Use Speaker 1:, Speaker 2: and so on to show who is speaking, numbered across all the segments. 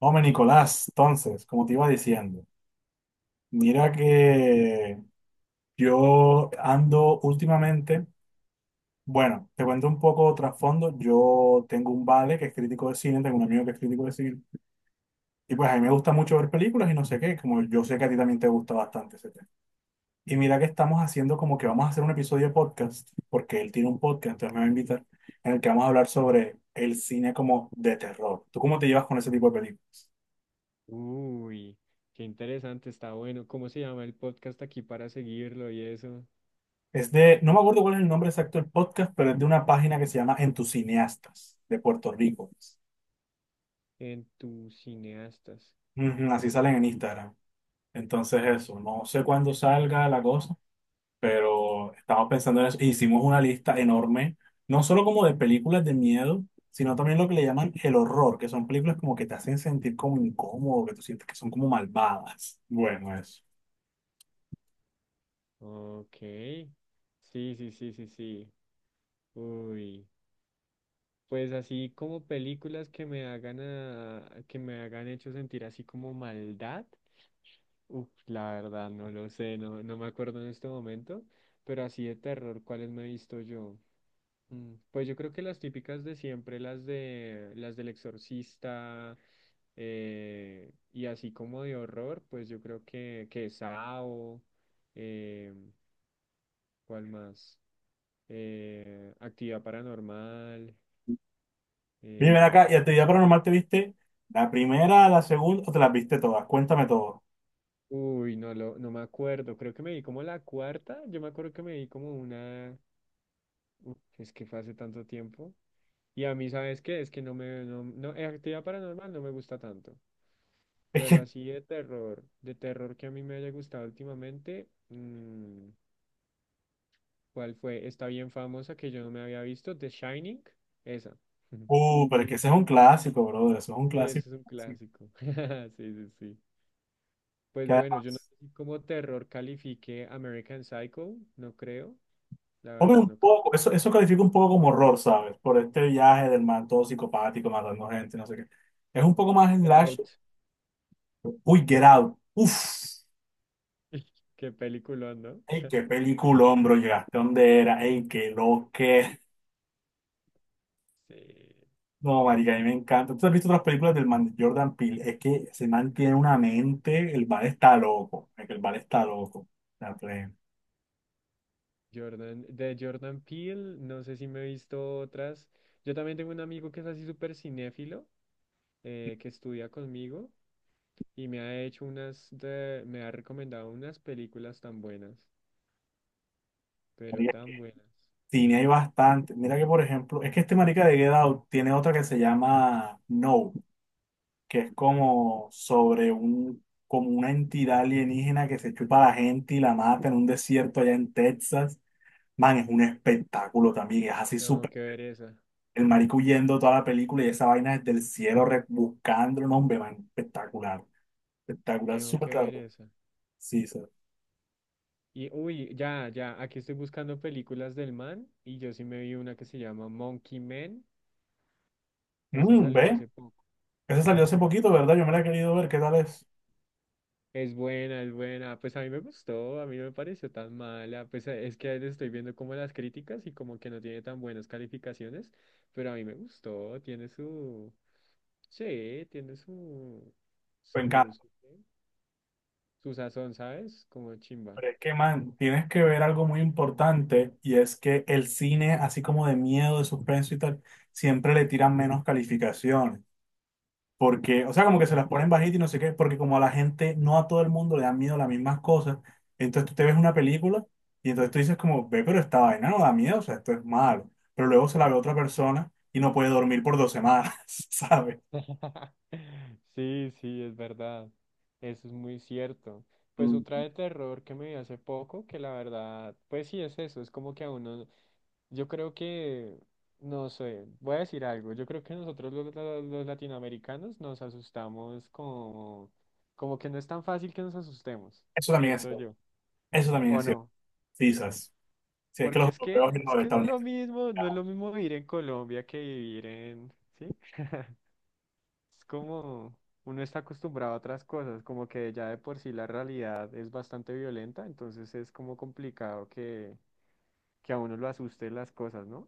Speaker 1: Hombre, Nicolás, entonces, como te iba diciendo, mira que yo ando últimamente, bueno, te cuento un poco trasfondo, yo tengo un vale que es crítico de cine, tengo un amigo que es crítico de cine, y pues a mí me gusta mucho ver películas y no sé qué, como yo sé que a ti también te gusta bastante ese tema. Y mira que estamos haciendo como que vamos a hacer un episodio de podcast, porque él tiene un podcast, entonces me va a invitar, en el que vamos a hablar sobre el cine como de terror. ¿Tú cómo te llevas con ese tipo de películas?
Speaker 2: Uy, qué interesante, está bueno. ¿Cómo se llama el podcast aquí para seguirlo y eso?
Speaker 1: Es de, no me acuerdo cuál es el nombre exacto del podcast, pero es de una página que se llama En tus cineastas de Puerto Rico.
Speaker 2: En tus cineastas.
Speaker 1: Ujú, así salen en Instagram. Entonces eso, no sé cuándo salga la cosa, pero estamos pensando en eso. E hicimos una lista enorme, no solo como de películas de miedo, sino también lo que le llaman el horror, que son películas como que te hacen sentir como incómodo, que tú sientes que son como malvadas. Bueno, eso.
Speaker 2: Ok. Sí, sí, sí, sí, sí. Uy. Pues así como películas que que me hagan hecho sentir así como maldad. Uf, la verdad, no lo sé, no, no me acuerdo en este momento. Pero así de terror, ¿cuáles me he visto yo? Pues yo creo que las típicas de siempre, las de las del exorcista y así como de horror, pues yo creo que Sao, eh, ¿cuál más? Actividad Paranormal.
Speaker 1: Bien, ven
Speaker 2: eh,
Speaker 1: acá, ¿y actividad paranormal te viste la primera, la segunda, o te las viste todas? Cuéntame todo.
Speaker 2: uy, no, no me acuerdo, creo que me vi como la cuarta, yo me acuerdo que me vi como una, uf, es que fue hace tanto tiempo. Y a mí, ¿sabes qué? Es que no, no, Actividad Paranormal no me gusta tanto. Pero así de terror que a mí me haya gustado últimamente, ¿cuál fue? Está bien famosa que yo no me había visto, The Shining, esa.
Speaker 1: Pero es que ese es un clásico, brother. Eso es un
Speaker 2: Sí,
Speaker 1: clásico.
Speaker 2: ese es un
Speaker 1: Clásico.
Speaker 2: clásico. Sí, sí, sí. Pues
Speaker 1: Que
Speaker 2: bueno, yo no
Speaker 1: además,
Speaker 2: sé si como terror califique American Psycho, no creo, la
Speaker 1: hombre,
Speaker 2: verdad
Speaker 1: un
Speaker 2: no creo.
Speaker 1: poco, eso califica un poco como horror, ¿sabes? Por este viaje del man todo psicopático, matando gente, no sé qué. Es un poco más
Speaker 2: Get
Speaker 1: slash.
Speaker 2: Out,
Speaker 1: Uy, Get Out. Uf.
Speaker 2: qué película, ¿no?
Speaker 1: Ey, qué peliculón, bro. Llegaste donde era. Ey, qué lo que.
Speaker 2: Sí.
Speaker 1: No, marica, a mí me encanta. ¿Tú has visto otras películas del man de Jordan Peele? Es que ese man tiene una mente. El bar está loco. Es que el bar está loco. La plena.
Speaker 2: Jordan, de Jordan Peele, no sé si me he visto otras. Yo también tengo un amigo que es así súper cinéfilo, que estudia conmigo. Y me ha recomendado unas películas tan buenas, pero
Speaker 1: Marica,
Speaker 2: tan buenas.
Speaker 1: cine hay bastante. Mira que, por ejemplo, es que este marica de Get Out tiene otra que se llama No, que es como sobre un, como una entidad alienígena que se chupa a la gente y la mata en un desierto allá en Texas. Man, es un espectáculo también, es así
Speaker 2: Tengo
Speaker 1: súper.
Speaker 2: que ver esa,
Speaker 1: El marico huyendo toda la película y esa vaina desde el cielo buscando un hombre, man, espectacular. Espectacular,
Speaker 2: tengo
Speaker 1: súper
Speaker 2: que ver
Speaker 1: claro.
Speaker 2: esa.
Speaker 1: Sí, sí.
Speaker 2: Y uy, aquí estoy buscando películas del man y yo sí me vi una que se llama Monkey Man. Esa
Speaker 1: Mm,
Speaker 2: salió
Speaker 1: ve,
Speaker 2: hace poco.
Speaker 1: ese salió hace poquito, ¿verdad? Yo me la he querido ver, ¿qué tal es?
Speaker 2: Es buena, es buena. Pues a mí me gustó, a mí no me pareció tan mala. Pues es que ahí estoy viendo como las críticas y como que no tiene tan buenas calificaciones, pero a mí me gustó, tiene su, sí, tiene su,
Speaker 1: Me encanta.
Speaker 2: ¿qué? Su sazón, ¿sabes? Como chimba.
Speaker 1: Pero es que, man, tienes que ver algo muy importante y es que el cine, así como de miedo, de suspenso y tal, siempre le tiran menos calificaciones. Porque, o sea, como que se las ponen
Speaker 2: ¿Cierto?
Speaker 1: bajitas y no sé qué, porque como a la gente, no a todo el mundo le dan miedo las mismas cosas, entonces tú te ves una película y entonces tú dices como, ve, pero esta vaina no da miedo, o sea, esto es malo. Pero luego se la ve otra persona y no puede dormir por dos semanas, ¿sabes?
Speaker 2: Sí, sí, es verdad. Eso es muy cierto. Pues otra
Speaker 1: Mm.
Speaker 2: de terror que me vi hace poco, que la verdad, pues sí es eso, es como que a uno, yo creo que, no sé, voy a decir algo, yo creo que nosotros los latinoamericanos nos asustamos como, como que no es tan fácil que nos asustemos,
Speaker 1: Eso también es
Speaker 2: siento
Speaker 1: cierto.
Speaker 2: yo,
Speaker 1: Eso también
Speaker 2: ¿o
Speaker 1: es cierto.
Speaker 2: no?
Speaker 1: Sí, ¿sabes? Sí, es que
Speaker 2: Porque
Speaker 1: los europeos y
Speaker 2: es
Speaker 1: los
Speaker 2: que no es lo
Speaker 1: estadounidenses.
Speaker 2: mismo, no es lo mismo vivir en Colombia que vivir en, ¿sí? Es como uno está acostumbrado a otras cosas, como que ya de por sí la realidad es bastante violenta, entonces es como complicado que a uno lo asuste las cosas, ¿no?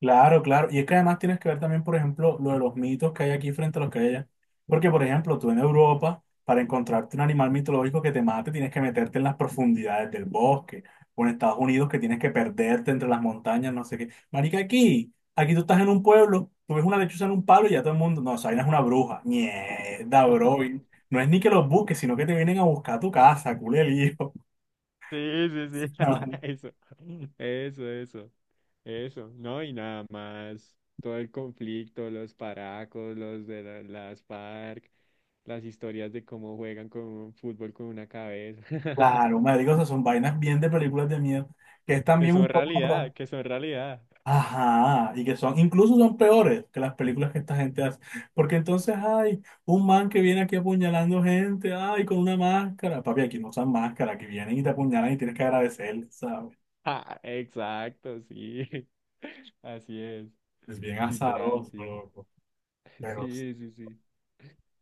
Speaker 1: Claro, claro. Y es que además tienes que ver también, por ejemplo, lo de los mitos que hay aquí frente a los que hay allá. Porque, por ejemplo, tú en Europa, para encontrarte un animal mitológico que te mate, tienes que meterte en las profundidades del bosque. O en Estados Unidos, que tienes que perderte entre las montañas, no sé qué. Marica, aquí, aquí tú estás en un pueblo, tú ves una lechuza en un palo y ya todo el mundo, no, esa vaina es una bruja. Mierda, bro. Y no es ni que los busques, sino que te vienen a buscar a tu casa, culé el hijo.
Speaker 2: Sí, sí, sí, eso, eso, eso, eso, no, y nada más, todo el conflicto, los paracos, las FARC, las historias de cómo juegan con un fútbol con una cabeza,
Speaker 1: Claro, marica, o sea, son vainas bien de películas de miedo, que es
Speaker 2: que
Speaker 1: también un
Speaker 2: son realidad,
Speaker 1: poco...
Speaker 2: que son realidad.
Speaker 1: Ajá, y que son, incluso son peores que las películas que esta gente hace. Porque entonces hay un man que viene aquí apuñalando gente, ay, con una máscara. Papi, aquí no usan máscara, que vienen y te apuñalan y tienes que agradecer, ¿sabes?
Speaker 2: Ah, exacto, sí. Así es,
Speaker 1: Es bien
Speaker 2: literal,
Speaker 1: azaroso,
Speaker 2: sí.
Speaker 1: loco. Pero,
Speaker 2: Sí, sí, sí.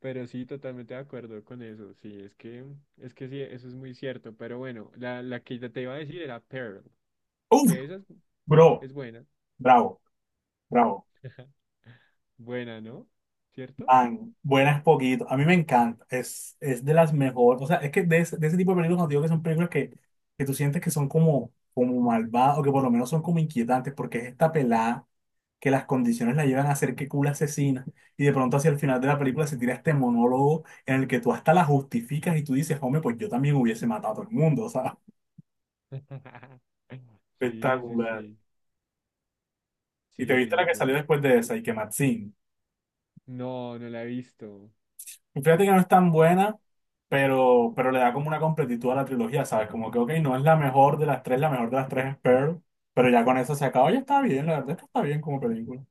Speaker 2: Pero sí, totalmente de acuerdo con eso. Sí, es que sí, eso es muy cierto. Pero bueno, la que te iba a decir era Pearl,
Speaker 1: uff,
Speaker 2: que esa es,
Speaker 1: bro,
Speaker 2: es buena.
Speaker 1: bravo, bravo.
Speaker 2: Buena, ¿no? ¿Cierto?
Speaker 1: Man, buenas poquito. A mí me encanta. Es de las mejores. O sea, es que de ese tipo de películas, cuando digo que son películas que tú sientes que son como, como malvadas o que por lo menos son como inquietantes, porque es esta pelada que las condiciones la llevan a ser que cool asesina. Y de pronto hacia el final de la película se tira este monólogo en el que tú hasta la justificas y tú dices, hombre, pues yo también hubiese matado a todo el mundo, o sea,
Speaker 2: Sí, sí,
Speaker 1: espectacular.
Speaker 2: sí.
Speaker 1: Y
Speaker 2: Sí,
Speaker 1: te
Speaker 2: es
Speaker 1: viste la
Speaker 2: muy
Speaker 1: que salió
Speaker 2: buena.
Speaker 1: después de esa, y que Maxine.
Speaker 2: No, no la he visto.
Speaker 1: Y fíjate que no es tan buena, pero le da como una completitud a la trilogía, ¿sabes? Como que, ok, no es la mejor de las tres, la mejor de las tres es Pearl, pero ya con eso se acabó, ya está bien, la verdad es que está bien como película.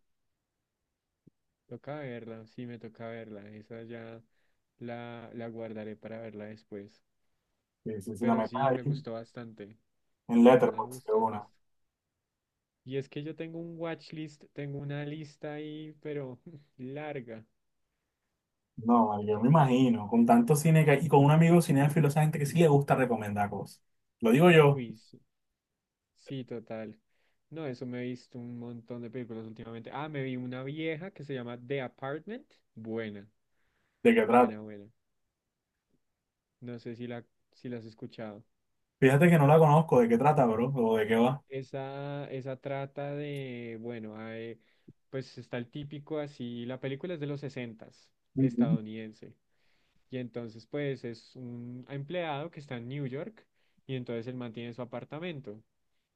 Speaker 2: Toca verla, sí, me toca verla. Esa ya la guardaré para verla después.
Speaker 1: Sí, sí, sí, la
Speaker 2: Pero
Speaker 1: metas
Speaker 2: sí,
Speaker 1: ahí
Speaker 2: me gustó bastante.
Speaker 1: en
Speaker 2: La verdad me
Speaker 1: Letterboxd, de
Speaker 2: gustó el
Speaker 1: una.
Speaker 2: resto. Y es que yo tengo un watchlist, tengo una lista ahí, pero larga.
Speaker 1: No, vale, yo me
Speaker 2: Tengo,
Speaker 1: imagino, con tanto cine que hay y con un amigo cinéfilo, esa gente que sí le gusta recomendar cosas. Lo digo yo,
Speaker 2: uy, sí, sí, total. No, eso me he visto un montón de películas últimamente. Ah, me vi una vieja que se llama The Apartment. Buena,
Speaker 1: ¿de qué trata?
Speaker 2: buena, buena. No sé si si la has escuchado.
Speaker 1: Fíjate que no la conozco, ¿de qué trata, bro? ¿O de qué va?
Speaker 2: Esa trata de, bueno, pues está el típico así, la película es de los sesentas
Speaker 1: Ujú.
Speaker 2: estadounidense. Y entonces, pues, es un empleado que está en New York y entonces él mantiene su apartamento.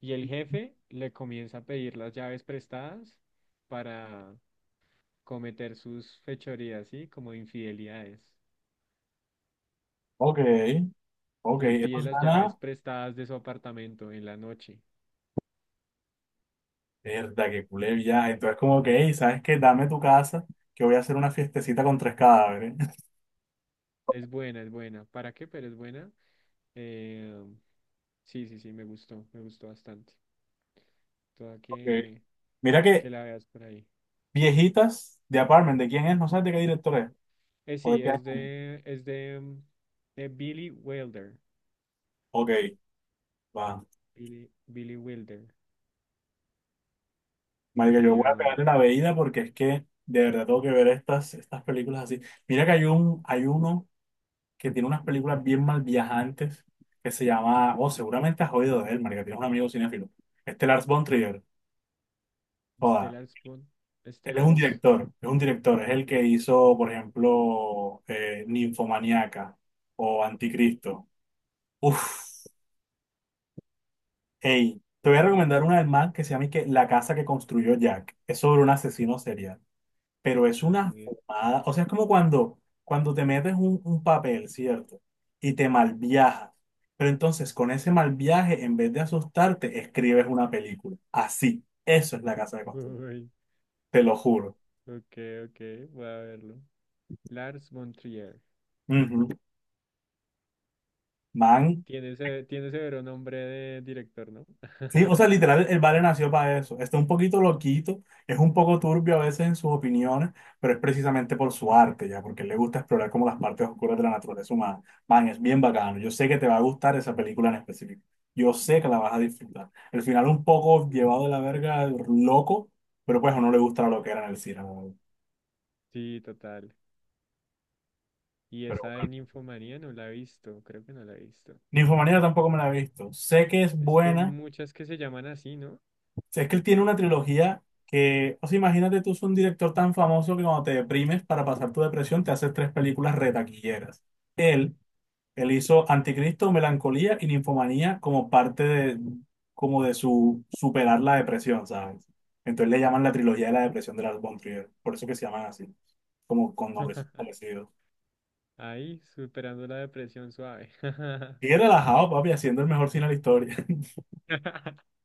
Speaker 2: Y el jefe le comienza a pedir las llaves prestadas para cometer sus fechorías, ¿sí? Como infidelidades.
Speaker 1: Ok, ok,
Speaker 2: Le
Speaker 1: eso
Speaker 2: pide las llaves
Speaker 1: suena,
Speaker 2: prestadas de su apartamento en la noche.
Speaker 1: verdad, que culé ya. Entonces, como que, "Ey, ¿sabes qué? Dame tu casa, que voy a hacer una fiestecita con tres cadáveres".
Speaker 2: Es buena, es buena. ¿Para qué? Pero es buena. Eh, sí, sí, sí, me gustó bastante. Toda
Speaker 1: Ok. Mira que
Speaker 2: que la veas por ahí.
Speaker 1: viejitas de Apartment, ¿de quién es? No sabes de qué director es. ¿O de
Speaker 2: Sí,
Speaker 1: qué año
Speaker 2: es
Speaker 1: es?
Speaker 2: de, de Billy Wilder.
Speaker 1: Ok, va.
Speaker 2: Billy Wilder
Speaker 1: Marica, yo
Speaker 2: y
Speaker 1: voy a pegarle una veída porque es que de verdad tengo que ver estas películas así. Mira que hay un, hay uno que tiene unas películas bien mal viajantes que se llama, oh, seguramente has oído de él, marica, tienes un amigo cinéfilo. Este Lars von Trier, joda,
Speaker 2: Stellar Spoon.
Speaker 1: él es un
Speaker 2: ¿Stellars?
Speaker 1: director, es un director, es el que hizo, por ejemplo, Ninfomaniaca o Anticristo. Uf, hey, te voy a
Speaker 2: Paul
Speaker 1: recomendar una del man que se llama y que La casa que construyó Jack. Es sobre un asesino serial. Pero es una
Speaker 2: Lager.
Speaker 1: fumada. O sea, es como cuando, cuando te metes un papel, ¿cierto? Y te malviajas. Pero entonces, con ese mal viaje, en vez de asustarte, escribes una película. Así. Eso es la casa de costura.
Speaker 2: Uy,
Speaker 1: Te lo juro.
Speaker 2: ok, ok, voy a verlo. Lars von Trier.
Speaker 1: Ujú. Man,
Speaker 2: Tiene, tiene severo nombre de director, ¿no?
Speaker 1: sí, o sea, literal, el Vale nació para eso. Está un poquito loquito, es un poco turbio a veces en sus opiniones, pero es precisamente por su arte, ya, porque le gusta explorar como las partes oscuras de la naturaleza humana. Man, es bien bacano. Yo sé que te va a gustar esa película en específico. Yo sé que la vas a disfrutar. El final un poco
Speaker 2: Uf,
Speaker 1: llevado de la verga, loco, pero pues a uno le gusta la loquera en el cine. La verdad.
Speaker 2: sí, total. Y
Speaker 1: Pero
Speaker 2: esa de
Speaker 1: bueno.
Speaker 2: Ninfomanía no la he visto, creo que no la he visto.
Speaker 1: Ninfomanía tampoco me la he visto. Sé que es
Speaker 2: Es que hay
Speaker 1: buena.
Speaker 2: muchas que se llaman así, ¿no?
Speaker 1: Sea, que él tiene una trilogía que, o sea, imagínate tú, es un director tan famoso que cuando te deprimes para pasar tu depresión te haces tres películas retaquilleras. Él, él hizo Anticristo, Melancolía y Ninfomanía como parte de, como de su superar la depresión, ¿sabes? Entonces le llaman la trilogía de la depresión de Lars von Trier, por eso que se llaman así, como con nombres parecidos.
Speaker 2: Ahí, superando la depresión suave.
Speaker 1: Sigue relajado, papi, haciendo el mejor cine de la historia.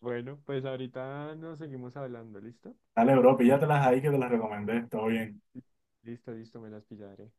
Speaker 2: Bueno, pues ahorita nos seguimos hablando, ¿listo?
Speaker 1: Dale, bro, píllatelas ahí que te las recomendé, todo bien.
Speaker 2: Listo, listo, me las pillaré.